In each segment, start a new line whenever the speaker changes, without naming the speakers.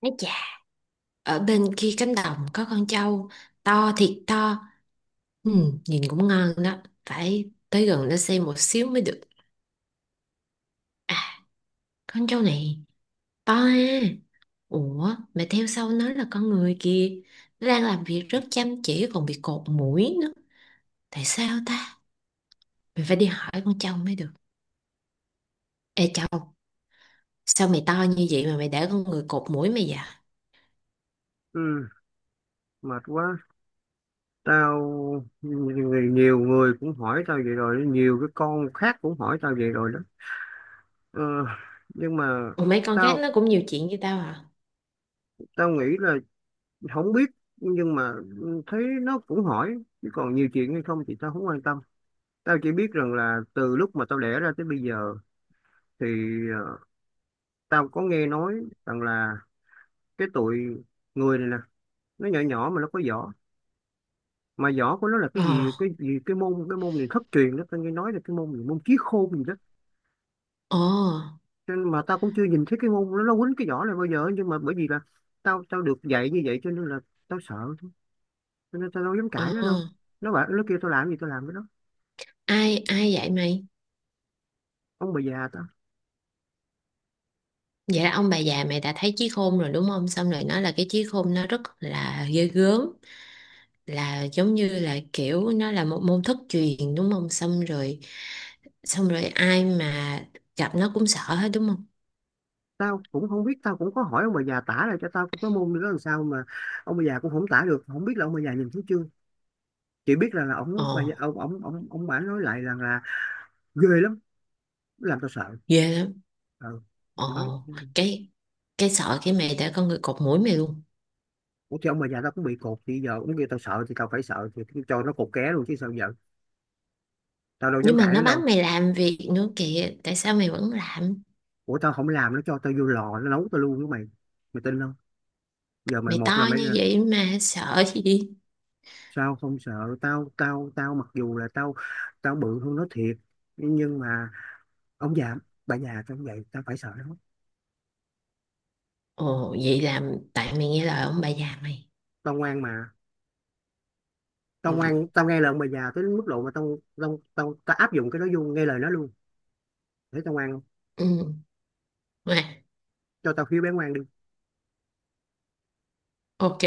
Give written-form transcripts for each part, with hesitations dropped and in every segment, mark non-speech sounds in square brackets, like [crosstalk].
Nói chà, ở bên kia cánh đồng có con trâu to thiệt to. Ừ, nhìn cũng ngon đó. Phải tới gần nó xem một xíu mới được. À, con trâu này to ha. Ủa, mà theo sau nó là con người kìa. Nó đang làm việc rất chăm chỉ còn bị cột mũi nữa. Tại sao ta? Mình phải đi hỏi con trâu mới được. Ê trâu, sao mày to như vậy mà mày để con người cột mũi mày vậy?
Ừ, mệt quá. Tao người Nhiều người cũng hỏi tao vậy rồi, nhiều cái con khác cũng hỏi tao vậy rồi đó. Ờ, nhưng mà
Ủa mấy con khác
tao
nó cũng nhiều chuyện như tao hả?
tao nghĩ là không biết, nhưng mà thấy nó cũng hỏi, chứ còn nhiều chuyện hay không thì tao không quan tâm. Tao chỉ biết rằng là từ lúc mà tao đẻ ra tới bây giờ thì ờ, tao có nghe nói rằng là cái tụi người này nè, nó nhỏ nhỏ mà nó có võ. Mà võ của nó là cái
Ờ,
gì cái gì cái môn cái môn này thất truyền đó, tao nghe nói là cái môn gì, môn chí khôn gì đó.
ờ,
Cho nên mà tao cũng chưa nhìn thấy cái môn nó quýnh cái vỏ này bao giờ, nhưng mà bởi vì là tao tao được dạy như vậy cho nên là tao sợ thôi. Cho nên tao đâu dám
ờ.
cãi nó đâu, nó bảo nó kêu tao làm gì tao làm với nó.
Ai vậy mày?
Ông bà già tao,
Vậy là ông bà già mày đã thấy chí khôn rồi đúng không? Xong rồi nói là cái chí khôn nó rất là ghê gớm, là giống như là kiểu nó là một môn thất truyền đúng không? Xong rồi ai mà gặp nó cũng sợ hết đúng không?
tao cũng không biết, tao cũng có hỏi ông bà già tả lại cho tao cái môn nữa, làm sao mà ông bà già cũng không tả được, không biết là ông bà già nhìn thấy chưa, chỉ biết là
Ồ,
ông bà già, ông bà nói lại rằng là ghê lắm, làm tao sợ.
ghê lắm.
Ừ.
Ồ,
Nói.
cái cái sợ cái mày đã con người cột mũi mày luôn.
Ủa thì ông bà già tao cũng bị cột thì giờ cũng kêu tao sợ thì tao phải sợ, thì cho nó cột ké luôn chứ sao giờ, tao đâu dám
Nhưng mà
cãi nó
nó bắt
đâu.
mày làm việc nữa kìa, tại sao mày vẫn làm?
Ủa tao không làm nó cho tao vô lò nó nấu tao luôn với mày, mày tin không? Giờ mày
Mày
một là
to
mày
như
ra,
vậy mà sợ gì?
sao không sợ? Tao tao tao mặc dù là tao, tao bự hơn nó thiệt nhưng mà ông già bà già tao cũng vậy, tao phải sợ nó.
Ồ, vậy là tại mày nghe lời ông bà già mày.
Tao ngoan mà, tao
Ừ.
ngoan tao nghe lời ông bà già tới mức độ mà tao áp dụng cái đó vô nghe lời nó luôn. Để tao ngoan không?
Ừ.
Cho tao khiêu bé ngoan đi.
Ok.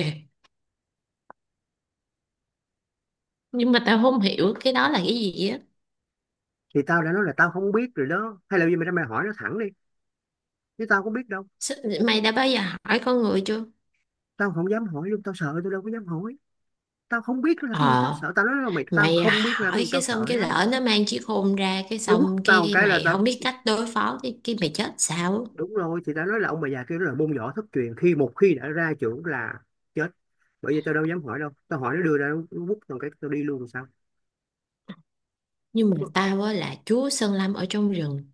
Nhưng mà tao không hiểu cái đó là cái gì á.
Thì tao đã nói là tao không biết rồi đó, hay là bây giờ mày ra mày hỏi nó thẳng đi, chứ tao có biết đâu.
Mày đã bao giờ hỏi con người chưa?
Tao không dám hỏi luôn, tao sợ, tao đâu có dám hỏi. Tao không biết là cái gì, tao
Ờ,
sợ, tao nói là mày, tao
mày
không biết là cái
hỏi
gì, tao
cái xong
sợ
cái
lắm.
lỡ nó mang chiếc khôn ra cái
Nó quất
xong
tao một
cái
cái là
mày
tao,
không biết cách đối phó cái mày chết sao? Á.
đúng rồi, thì tao nói là ông bà già kia nó là môn võ thất truyền, khi một khi đã ra trưởng là chết. Bởi vì tao đâu dám hỏi đâu, tao hỏi nó đưa ra nó quất tao một cái tao đi luôn sao.
Nhưng mà
Chúc
tao á là chúa Sơn Lâm ở trong rừng.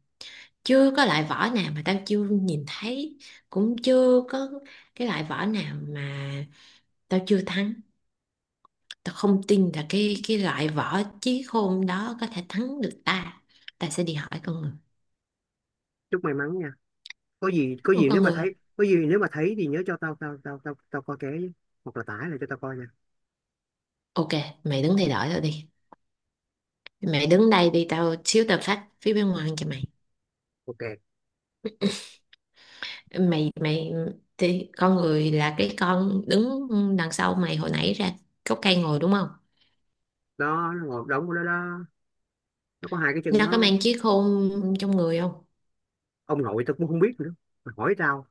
Chưa có loại vỏ nào mà tao chưa nhìn thấy. Cũng chưa có cái loại vỏ nào mà tao chưa thắng. Tao không tin là cái loại vỏ chiếc khôn đó có thể thắng được ta. Ta sẽ đi hỏi con người.
Chúc may mắn nha. Có gì, có gì nếu
Con
mà
người.
thấy, có gì nếu mà thấy thì nhớ cho tao tao tao tao tao coi ké với. Hoặc là tải lại cho tao coi nha.
Ok, mày đứng thay đổi tao đi. Mày đứng đây đi, tao xíu tao phát phía bên ngoài cho mày.
Ok.
Mày thì con người là cái con đứng đằng sau mày hồi nãy ra gốc cây ngồi đúng không?
Đó, nó ngồi đóng của nó đó, nó có hai cái chân
Nó có
nó.
mang chiếc khôn trong người không?
Ông nội tao cũng không biết nữa mà hỏi tao,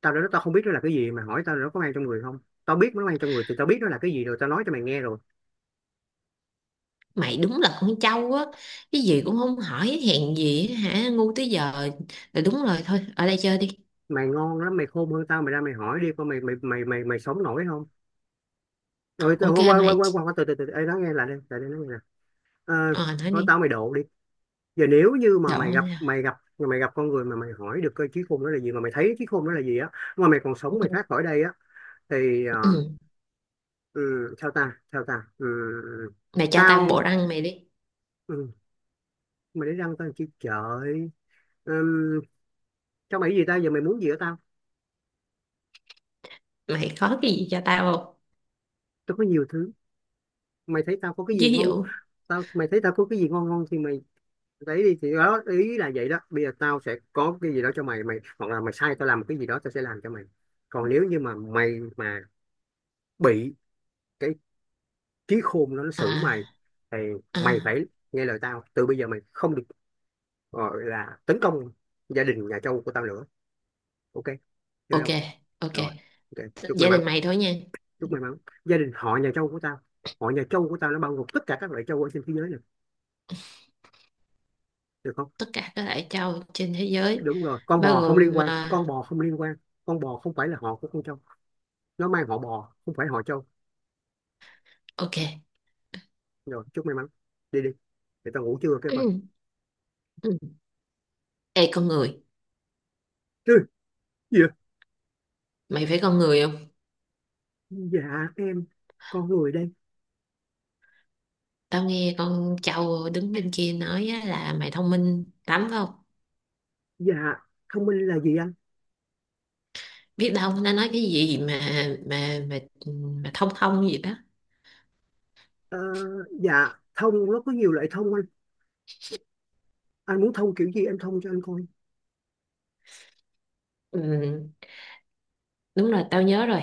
tao đến đó tao không biết nó là cái gì, mày hỏi tao là nó có mang trong người không, tao biết nó mang trong người thì tao biết nó là cái gì rồi tao nói cho mày nghe rồi.
Mày đúng là con trâu á, cái gì cũng không hỏi hèn gì á hả, ngu tới giờ. Rồi đúng rồi thôi, ở đây chơi đi.
Mày ngon lắm, mày khôn hơn tao, mày ra mày hỏi đi coi mày mày mày mày mày sống nổi không. Rồi
Ok
tao qua qua
mày,
qua qua từ từ từ ê nói nghe, lại đây nói nghe nè. Ờ.
ờ nói
Nói
đi.
tao mày độ đi. Giờ nếu như mà
Đổ
mày gặp,
ra.
mày gặp con người mà mày hỏi được cái trí khôn đó là gì, mà mày thấy trí khôn đó là gì á, mà mày còn sống mày thoát khỏi đây á thì
Ừ. [clears throat]
ừ, sao ta, sao ta, ừ,
Mày cho tao bộ
tao,
răng mày đi.
ừ, mày để răng tao chi trời. Ừm, cho mày cái gì tao, giờ mày muốn gì ở tao?
Mày có cái gì cho tao không?
Tôi có nhiều thứ, mày thấy tao có cái gì
Ví
ngon.
dụ.
Tao, mày thấy tao có cái gì ngon ngon thì mày lấy đi, thì đó ý là vậy đó, bây giờ tao sẽ có cái gì đó cho mày, mày hoặc là mày sai tao làm một cái gì đó tao sẽ làm cho mày. Còn nếu như mà mày mà bị cái trí khôn nó
À,
xử mày thì
à.
mày phải nghe lời tao từ bây giờ, mày không được gọi là tấn công gia đình nhà Châu của tao nữa. Ok, chơi
Ok,
không?
ok.
Rồi. Ok, chúc may
Giả
mắn.
định mày thôi nha.
Chúc may mắn. Gia đình họ nhà Châu của tao, họ nhà Châu của tao nó bao gồm tất cả các loại Châu ở trên thế giới này, được không?
Tất cả các loại châu trên thế giới
Đúng rồi, con
bao
bò không liên
gồm
quan, con
à,
bò không liên quan, con bò không phải là họ của con trâu, nó mang họ bò không phải họ trâu.
ok. [clears throat]
Rồi, chúc may mắn, đi đi, để tao ngủ chưa kêu con.
Ừ. Ừ. Ê con người,
Chứ gì vậy?
mày phải con người không?
Dạ em con người đây.
Tao nghe con châu đứng bên kia nói á, là mày thông minh lắm phải không?
Dạ thông minh là gì anh?
Biết đâu nó nói cái gì mà mà thông thông gì đó.
ờ, dạ thông nó có nhiều loại thông anh muốn thông kiểu gì em thông cho anh coi.
Ừ, đúng rồi, tao nhớ rồi.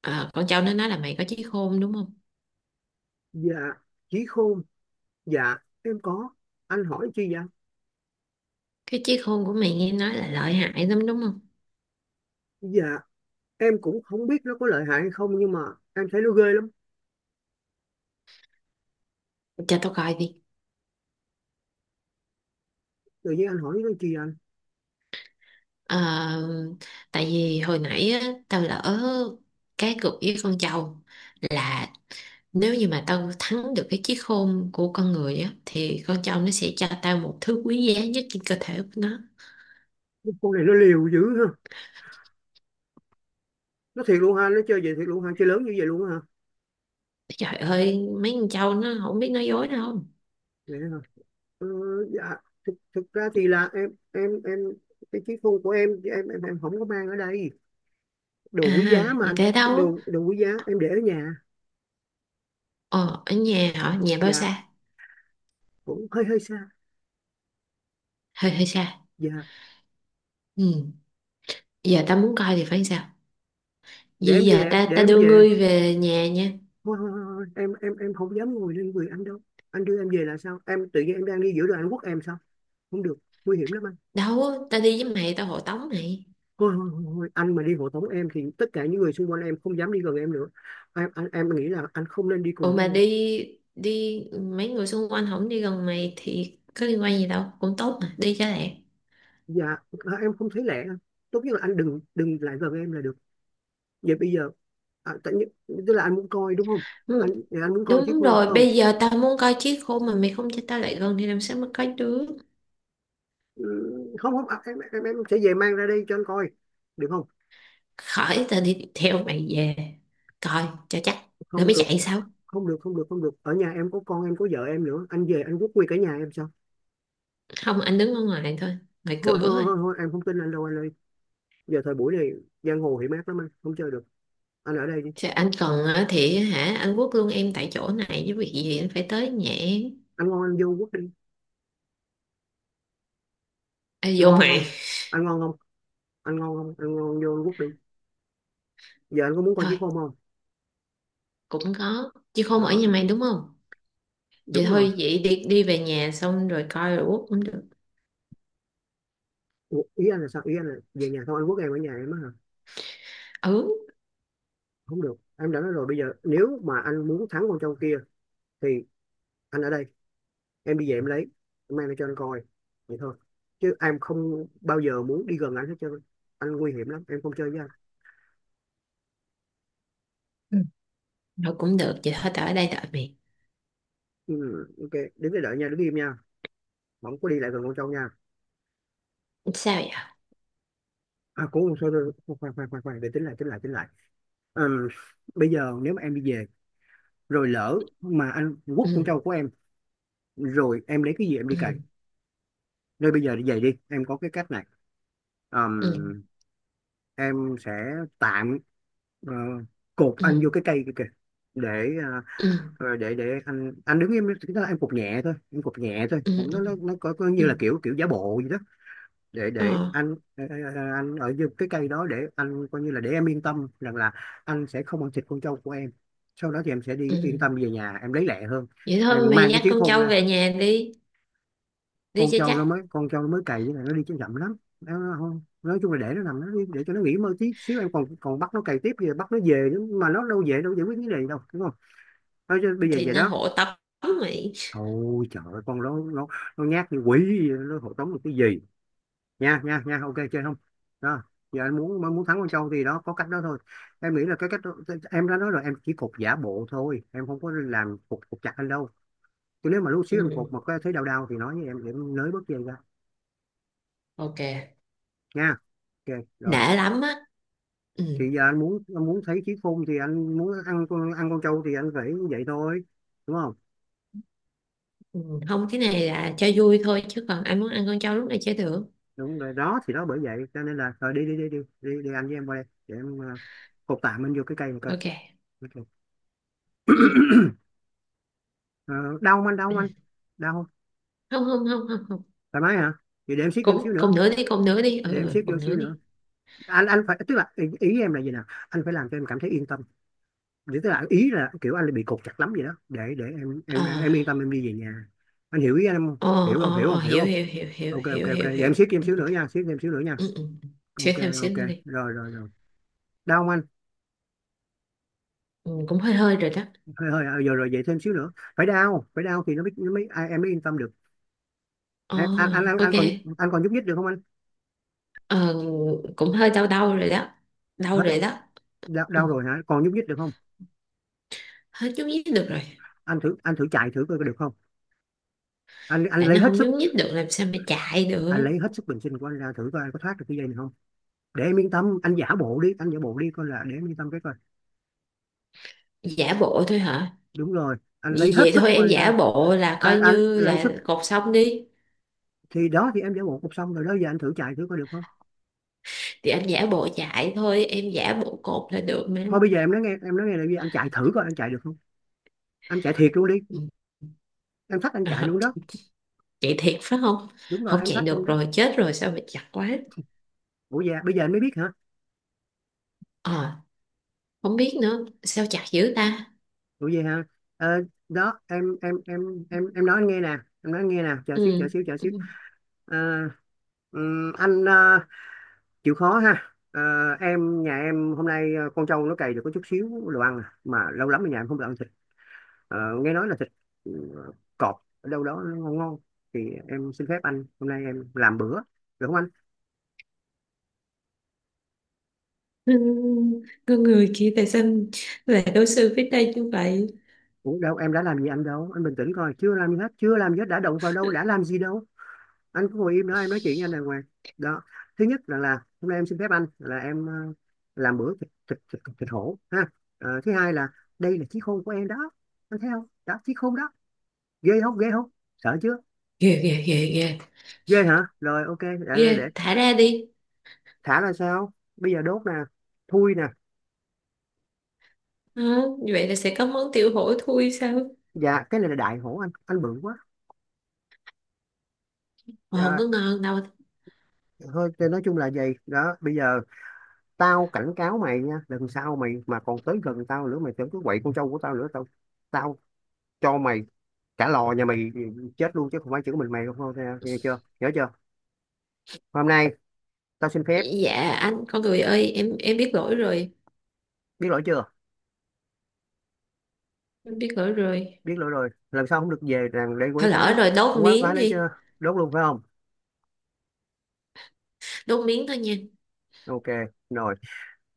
Ờ, con châu nó nói là mày có trí khôn đúng không?
Dạ trí khôn, dạ em có, anh hỏi chi vậy anh?
Cái trí khôn của mày nghe nói là lợi hại lắm đúng không?
Dạ em cũng không biết nó có lợi hại hay không nhưng mà em thấy nó ghê lắm.
Cho tao coi đi.
Tự nhiên anh hỏi nó chi vậy anh?
Ờ, tại vì hồi nãy á, tao lỡ cái cược với con trâu là nếu như mà tao thắng được cái chiếc khôn của con người á thì con trâu nó sẽ cho tao một thứ quý giá nhất trên cơ thể của nó.
Con này nó liều dữ ha, nó thiệt luôn ha, nó chơi vậy thiệt luôn ha, chơi lớn như vậy luôn á hả?
Trời ơi, mấy con trâu nó không biết nói dối đâu.
Vậy hả? ờ, dạ thực ra thì là em cái chiếc phone của em không có mang ở đây, đồ
À,
quý giá mà
vậy
anh,
thế đâu?
đồ đồ quý giá em để ở nhà.
Ờ, ở nhà hả? Nhà bao
Dạ
xa?
cũng hơi hơi xa.
Hơi hơi xa.
Dạ.
Ừ, giờ tao muốn coi thì phải sao?
Để
Vậy
em
giờ
về,
ta
để
ta
em
đưa
về.
ngươi về nhà nha.
Thôi, thôi, thôi, thôi. Em không dám ngồi lên người anh đâu, anh đưa em về là sao, em tự nhiên em đang đi giữa đường anh quất em sao, không được, nguy hiểm lắm anh.
Đâu, ta đi với mày, tao hộ tống mày.
Thôi. Anh mà đi hộ tống em thì tất cả những người xung quanh em không dám đi gần em nữa. Em anh em nghĩ là anh không nên đi cùng
Ủa
với
mà
em.
đi đi mấy người xung quanh không đi gần mày thì có liên quan gì đâu cũng tốt mà đi cho lẹ.
Dạ. À, em không thấy lẻ. Tốt nhất là anh đừng đừng lại gần em là được. Vậy bây giờ, à, tại nhất, tức là anh muốn coi đúng không?
Ừ,
Anh thì anh muốn coi chiếc
đúng
hôn phải
rồi,
không?
bây giờ tao muốn coi chiếc khôn mà mày không cho tao lại gần thì làm sao mà coi được.
Ừ, không không à, em sẽ về mang ra đây cho anh coi, được không?
Khỏi, tao đi theo mày về coi cho chắc rồi
không
mới
được
chạy sao.
Không được, không được ở nhà em có con em có vợ em nữa, anh về anh quốc quy cả nhà em sao.
Không, anh đứng ở ngoài thôi, ngoài
thôi
cửa
thôi
thôi.
thôi, thôi em không tin anh đâu anh ơi. Giờ thời buổi này giang hồ hiểm ác lắm, anh không chơi được, anh ở đây đi.
Chứ anh cần á thì hả anh quất luôn em tại chỗ này với việc gì anh phải tới nhà em.
Anh ngon anh vô quốc đi.
Ê,
Anh
vô
ngon
mày.
không? Anh ngon không? Anh ngon không? Anh ngon vô quốc đi. Giờ anh có muốn coi
Thôi,
chiếc hôn không?
cũng có chiếc khôn ở
Đó,
nhà mày đúng không, vậy
đúng rồi.
thôi vậy đi đi về nhà xong rồi coi rồi quốc cũng được.
Ủa, ý anh là sao, ý anh là về nhà không anh quốc em ở nhà em á hả?
Ừ.
Không được, em đã nói rồi, bây giờ nếu mà anh muốn thắng con trâu kia thì anh ở đây, em đi về em lấy, em mang lại cho anh coi, vậy thôi, chứ em không bao giờ muốn đi gần anh hết trơn, anh nguy hiểm lắm em không chơi với anh.
Ừ. Rồi cũng được vậy thôi tao ở đây đợi mày.
Ừ, ok đứng để đợi nha, đứng im nha, không có đi lại gần con trâu nha.
Sao vậy?
À cũng không sao đâu. Khoan khoan khoan khoan để tính lại. Ừm, Bây giờ nếu mà em đi về, rồi lỡ mà anh quất
Ừ
con trâu của em, rồi em lấy cái gì em đi cày.
ừ
Nơi bây giờ đi về đi, em có cái cách này.
ừ
Ờm, em sẽ tạm ờ, cột anh vô
ừ
cái cây kia kìa. Để
ừ
để để anh đứng im, chúng ta em cột nhẹ thôi, em cột nhẹ thôi,
ừ
không nó
ừ
nó có
ừ
như là kiểu kiểu giả bộ gì đó. Để
ờ
anh anh ở dưới cái cây đó để anh coi, như là để em yên tâm rằng là anh sẽ không ăn thịt con trâu của em. Sau đó thì em sẽ
ừ
đi yên tâm về nhà em lấy lẹ hơn.
vậy thôi
Em
mày
mang cái
dắt
chiếc
con
khôn
trâu về
ra.
nhà đi đi
con
cho
trâu
chắc
nó mới con trâu nó mới cày, với lại nó đi chậm chậm lắm, nó không, nói chung là để nó nằm nó đi, để cho nó nghỉ mơ tí xíu. Em còn còn bắt nó cày tiếp gì, bắt nó về nữa mà nó đâu về đâu, giải quyết vấn đề đâu, đúng không? Nói chứ bây giờ
thì
về
nó
đó,
hộ tống mày.
thôi trời ơi, con nó nó nhát như quỷ vậy, nó hộ tống được cái gì. Nha nha nha, ok, chơi không? Đó, giờ anh muốn muốn thắng con trâu thì đó, có cách đó thôi. Em nghĩ là cái cách đó, em đã nói rồi, em chỉ cột giả bộ thôi, em không có làm cột cột chặt anh đâu. Chứ nếu mà lúc xíu em cột
Ừ,
mà có thấy đau đau thì nói với em để em nới bớt dây ra
ok,
nha. Ok rồi,
đã lắm á. Ừ.
thì giờ anh muốn thấy trí khôn thì anh muốn ăn con trâu thì anh phải vậy thôi, đúng không?
Ừ, không cái này là cho vui thôi chứ còn ai muốn ăn con trâu lúc này chơi được.
Đúng rồi đó, thì đó, bởi vậy cho nên là rồi, đi đi đi đi đi, đi anh với em qua đây để em cột tạm anh vô cái cây một coi.
Ok.
Ok.
Ừ.
Ờ, đau không anh, đau không
Ừ.
anh, đau không?
Không không không không không.
Thoải mái hả? Vậy để em siết thêm xíu
Cũng
nữa,
cùng nữa đi, cùng nữa đi, ừ
để em
ừ,
siết vô
cùng nữa
xíu nữa.
đi.
Anh phải, tức là ý em là gì nào, anh phải làm cho em cảm thấy yên tâm. Để tức là ý là kiểu anh bị cột chặt lắm vậy đó, để em em
Ờ
em yên tâm em đi về nhà. Anh hiểu ý anh không?
ờ
Hiểu không,
ờ
hiểu
ờ,
không, hiểu
hiểu
không?
hiểu hiểu hiểu
Ok ok
hiểu
ok,
hiểu
vậy em
hiểu.
siết thêm
Ừ,
xíu nữa nha, siết thêm xíu nữa nha.
ừ, ừ. Xíu
Ok
thêm xíu
ok.
nữa đi.
Rồi rồi rồi, đau không anh?
Ừ, cũng hơi hơi rồi đó.
Hơi hơi à, rồi rồi, vậy thêm xíu nữa. Phải đau, phải đau thì nó mới ai, em mới yên tâm được.
Ờ,
Em
ok.
anh còn nhúc nhích được không anh?
Ờ, cũng hơi đau đau rồi đó, đau
Hết,
rồi đó.
đau,
Ừ,
đau rồi hả, còn nhúc nhích được không?
hết nhúc nhích được rồi.
Anh thử chạy thử coi có được không, anh
Tại
lấy
nó
hết
không
sức.
nhúc nhích được làm sao mà chạy
Anh
được.
lấy hết sức bình sinh của anh ra thử coi anh có thoát được cái dây này không. Để em yên tâm, anh giả bộ đi, anh giả bộ đi coi, là để em yên tâm cái coi.
Giả bộ thôi hả?
Đúng rồi, anh
Vì
lấy
vậy
hết sức
thôi
của
em
anh
giả
ra.
bộ là
anh,
coi
anh
như
lấy
là
sức,
cột xong đi.
thì đó thì em giả bộ cũng xong rồi đó, giờ anh thử chạy thử coi được không.
Thì anh giả bộ chạy thôi em giả bộ cột là được mà.
Thôi bây giờ em nói nghe, em nói nghe là gì, anh chạy thử coi anh chạy được không, anh chạy thiệt luôn đi.
Ừ.
Em thách
[laughs]
anh chạy
Ờ,
luôn đó.
chạy thiệt phải không?
Đúng rồi,
Không
em
chạy
thách anh
được
đó.
rồi chết rồi sao mà chặt quá.
Ủa dạ, bây giờ anh mới biết hả?
Ờ, không biết nữa, sao chặt dữ ta?
Ủa vậy hả? Ờ, đó em em nói anh nghe nè, em nói anh nghe nè, chờ xíu chờ
Ừ.
xíu chờ xíu.
Ừ.
Ờ, anh chịu khó ha. Ờ, nhà em hôm nay con trâu nó cày được có chút xíu đồ ăn à. Mà lâu lắm ở nhà em không được ăn thịt. Ờ, nghe nói là thịt, ừ, cọp ở đâu đó nó ngon ngon, thì em xin phép anh hôm nay em làm bữa, được không anh?
Ừ, con người kia tại sao lại đối xử với ta như vậy?
Ủa đâu, em đã làm gì anh đâu, anh bình tĩnh coi, chưa làm gì hết, chưa làm gì hết, đã động vào đâu, đã làm gì đâu. Anh cứ ngồi im đó em nói chuyện với anh đàng hoàng. Đó, thứ nhất là hôm nay em xin phép anh là em làm bữa thịt hổ ha. Ờ, thứ hai là đây là chí khôn của em đó, anh thấy không đó, chí khôn đó, ghê không, ghê không, sợ chưa?
Ghê, ghê, ghê, ghê,
Ghê hả, rồi ok, để
ghê, thả ra đi.
thả ra sao, bây giờ đốt nè, thui nè.
Hả? Như vậy là sẽ có món tiểu hổ thui sao?
Dạ cái này là đại hổ, anh bự quá.
Mà không
Dạ,
có ngon đâu.
thôi thì nói chung là gì đó, bây giờ tao cảnh cáo mày nha, lần sau mày mà còn tới gần tao nữa, mày tưởng cứ quậy con trâu của tao nữa, tao tao cho mày cả lò nhà mày chết luôn chứ không phải chỉ có mình mày không thôi, nghe chưa, nhớ chưa. Hôm nay tao xin phép.
Dạ anh, con người ơi, em biết lỗi rồi,
Biết lỗi chưa?
em biết lỗi rồi.
Biết lỗi rồi lần sau không được về rằng để quấy
Thôi
phá,
lỡ rồi, đốt
không quấy phá
miếng
nữa
đi,
chưa? Đốt luôn phải không?
đốt miếng thôi nha.
Ok rồi.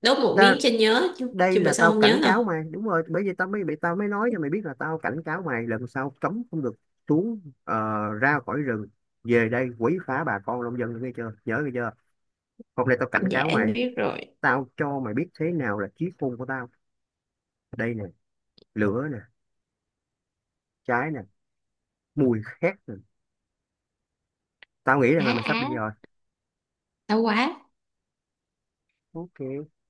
Đốt một
Ta,
miếng cho nhớ, chứ,
đây
chứ bữa
là
sau
tao
không
cảnh
nhớ đâu.
cáo mày, đúng rồi, bởi vì tao mới bị, tao mới nói cho mày biết là tao cảnh cáo mày lần sau cấm không được xuống ra khỏi rừng về đây quấy phá bà con nông dân, nghe chưa, nhớ nghe chưa. Hôm nay tao cảnh
Dạ
cáo mày,
em biết rồi.
tao cho mày biết thế nào là chí khôn của tao. Đây nè, lửa nè, trái nè, mùi khét rồi. Tao nghĩ rằng
Á
là mày
á,
sắp đi rồi.
đau quá,
Ok,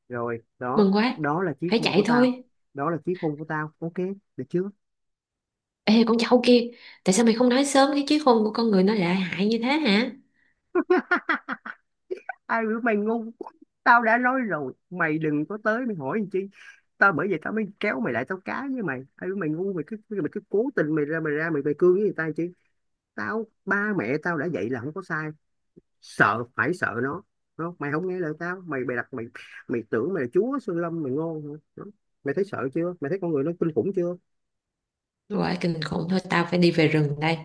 rồi đó,
mừng quá,
đó là chiếc
phải
hôn của
chạy
tao.
thôi.
Đó là chiếc hôn của tao, ok, được chưa?
Ê con cháu kia, tại sao mày không nói sớm cái chiếc khôn của con người nó lại hại như thế hả?
Ai biểu mày ngu, tao đã nói rồi mày đừng có tới, mày hỏi làm chi, tao bởi vậy tao mới kéo mày lại, tao cá với mày, ai biểu mày ngu, mày cứ cố tình mày ra mày ra mày mày cương với người ta làm chi. Tao, ba mẹ tao đã dạy là không có sai, sợ phải sợ nó. Đúng không? Mày không nghe lời tao, mày bày đặt mày mày tưởng mày là chúa Sơn Lâm, mày ngon hả? Đúng. Mày thấy sợ chưa, mày thấy con người nó kinh khủng chưa?
Rồi kinh khủng thôi tao phải đi về rừng đây.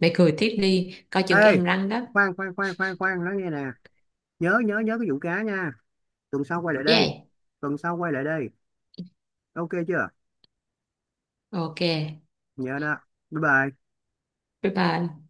Mày cười tiếp đi, coi chừng cái
Ê,
hàm răng đó.
khoan khoan khoan khoan khoan nói nghe nè, nhớ nhớ nhớ cái vụ cá nha, tuần sau quay lại đây,
Yeah.
tuần sau quay lại đây, ok chưa?
Ok.
Nhớ đó, bye bye.
Bye bye.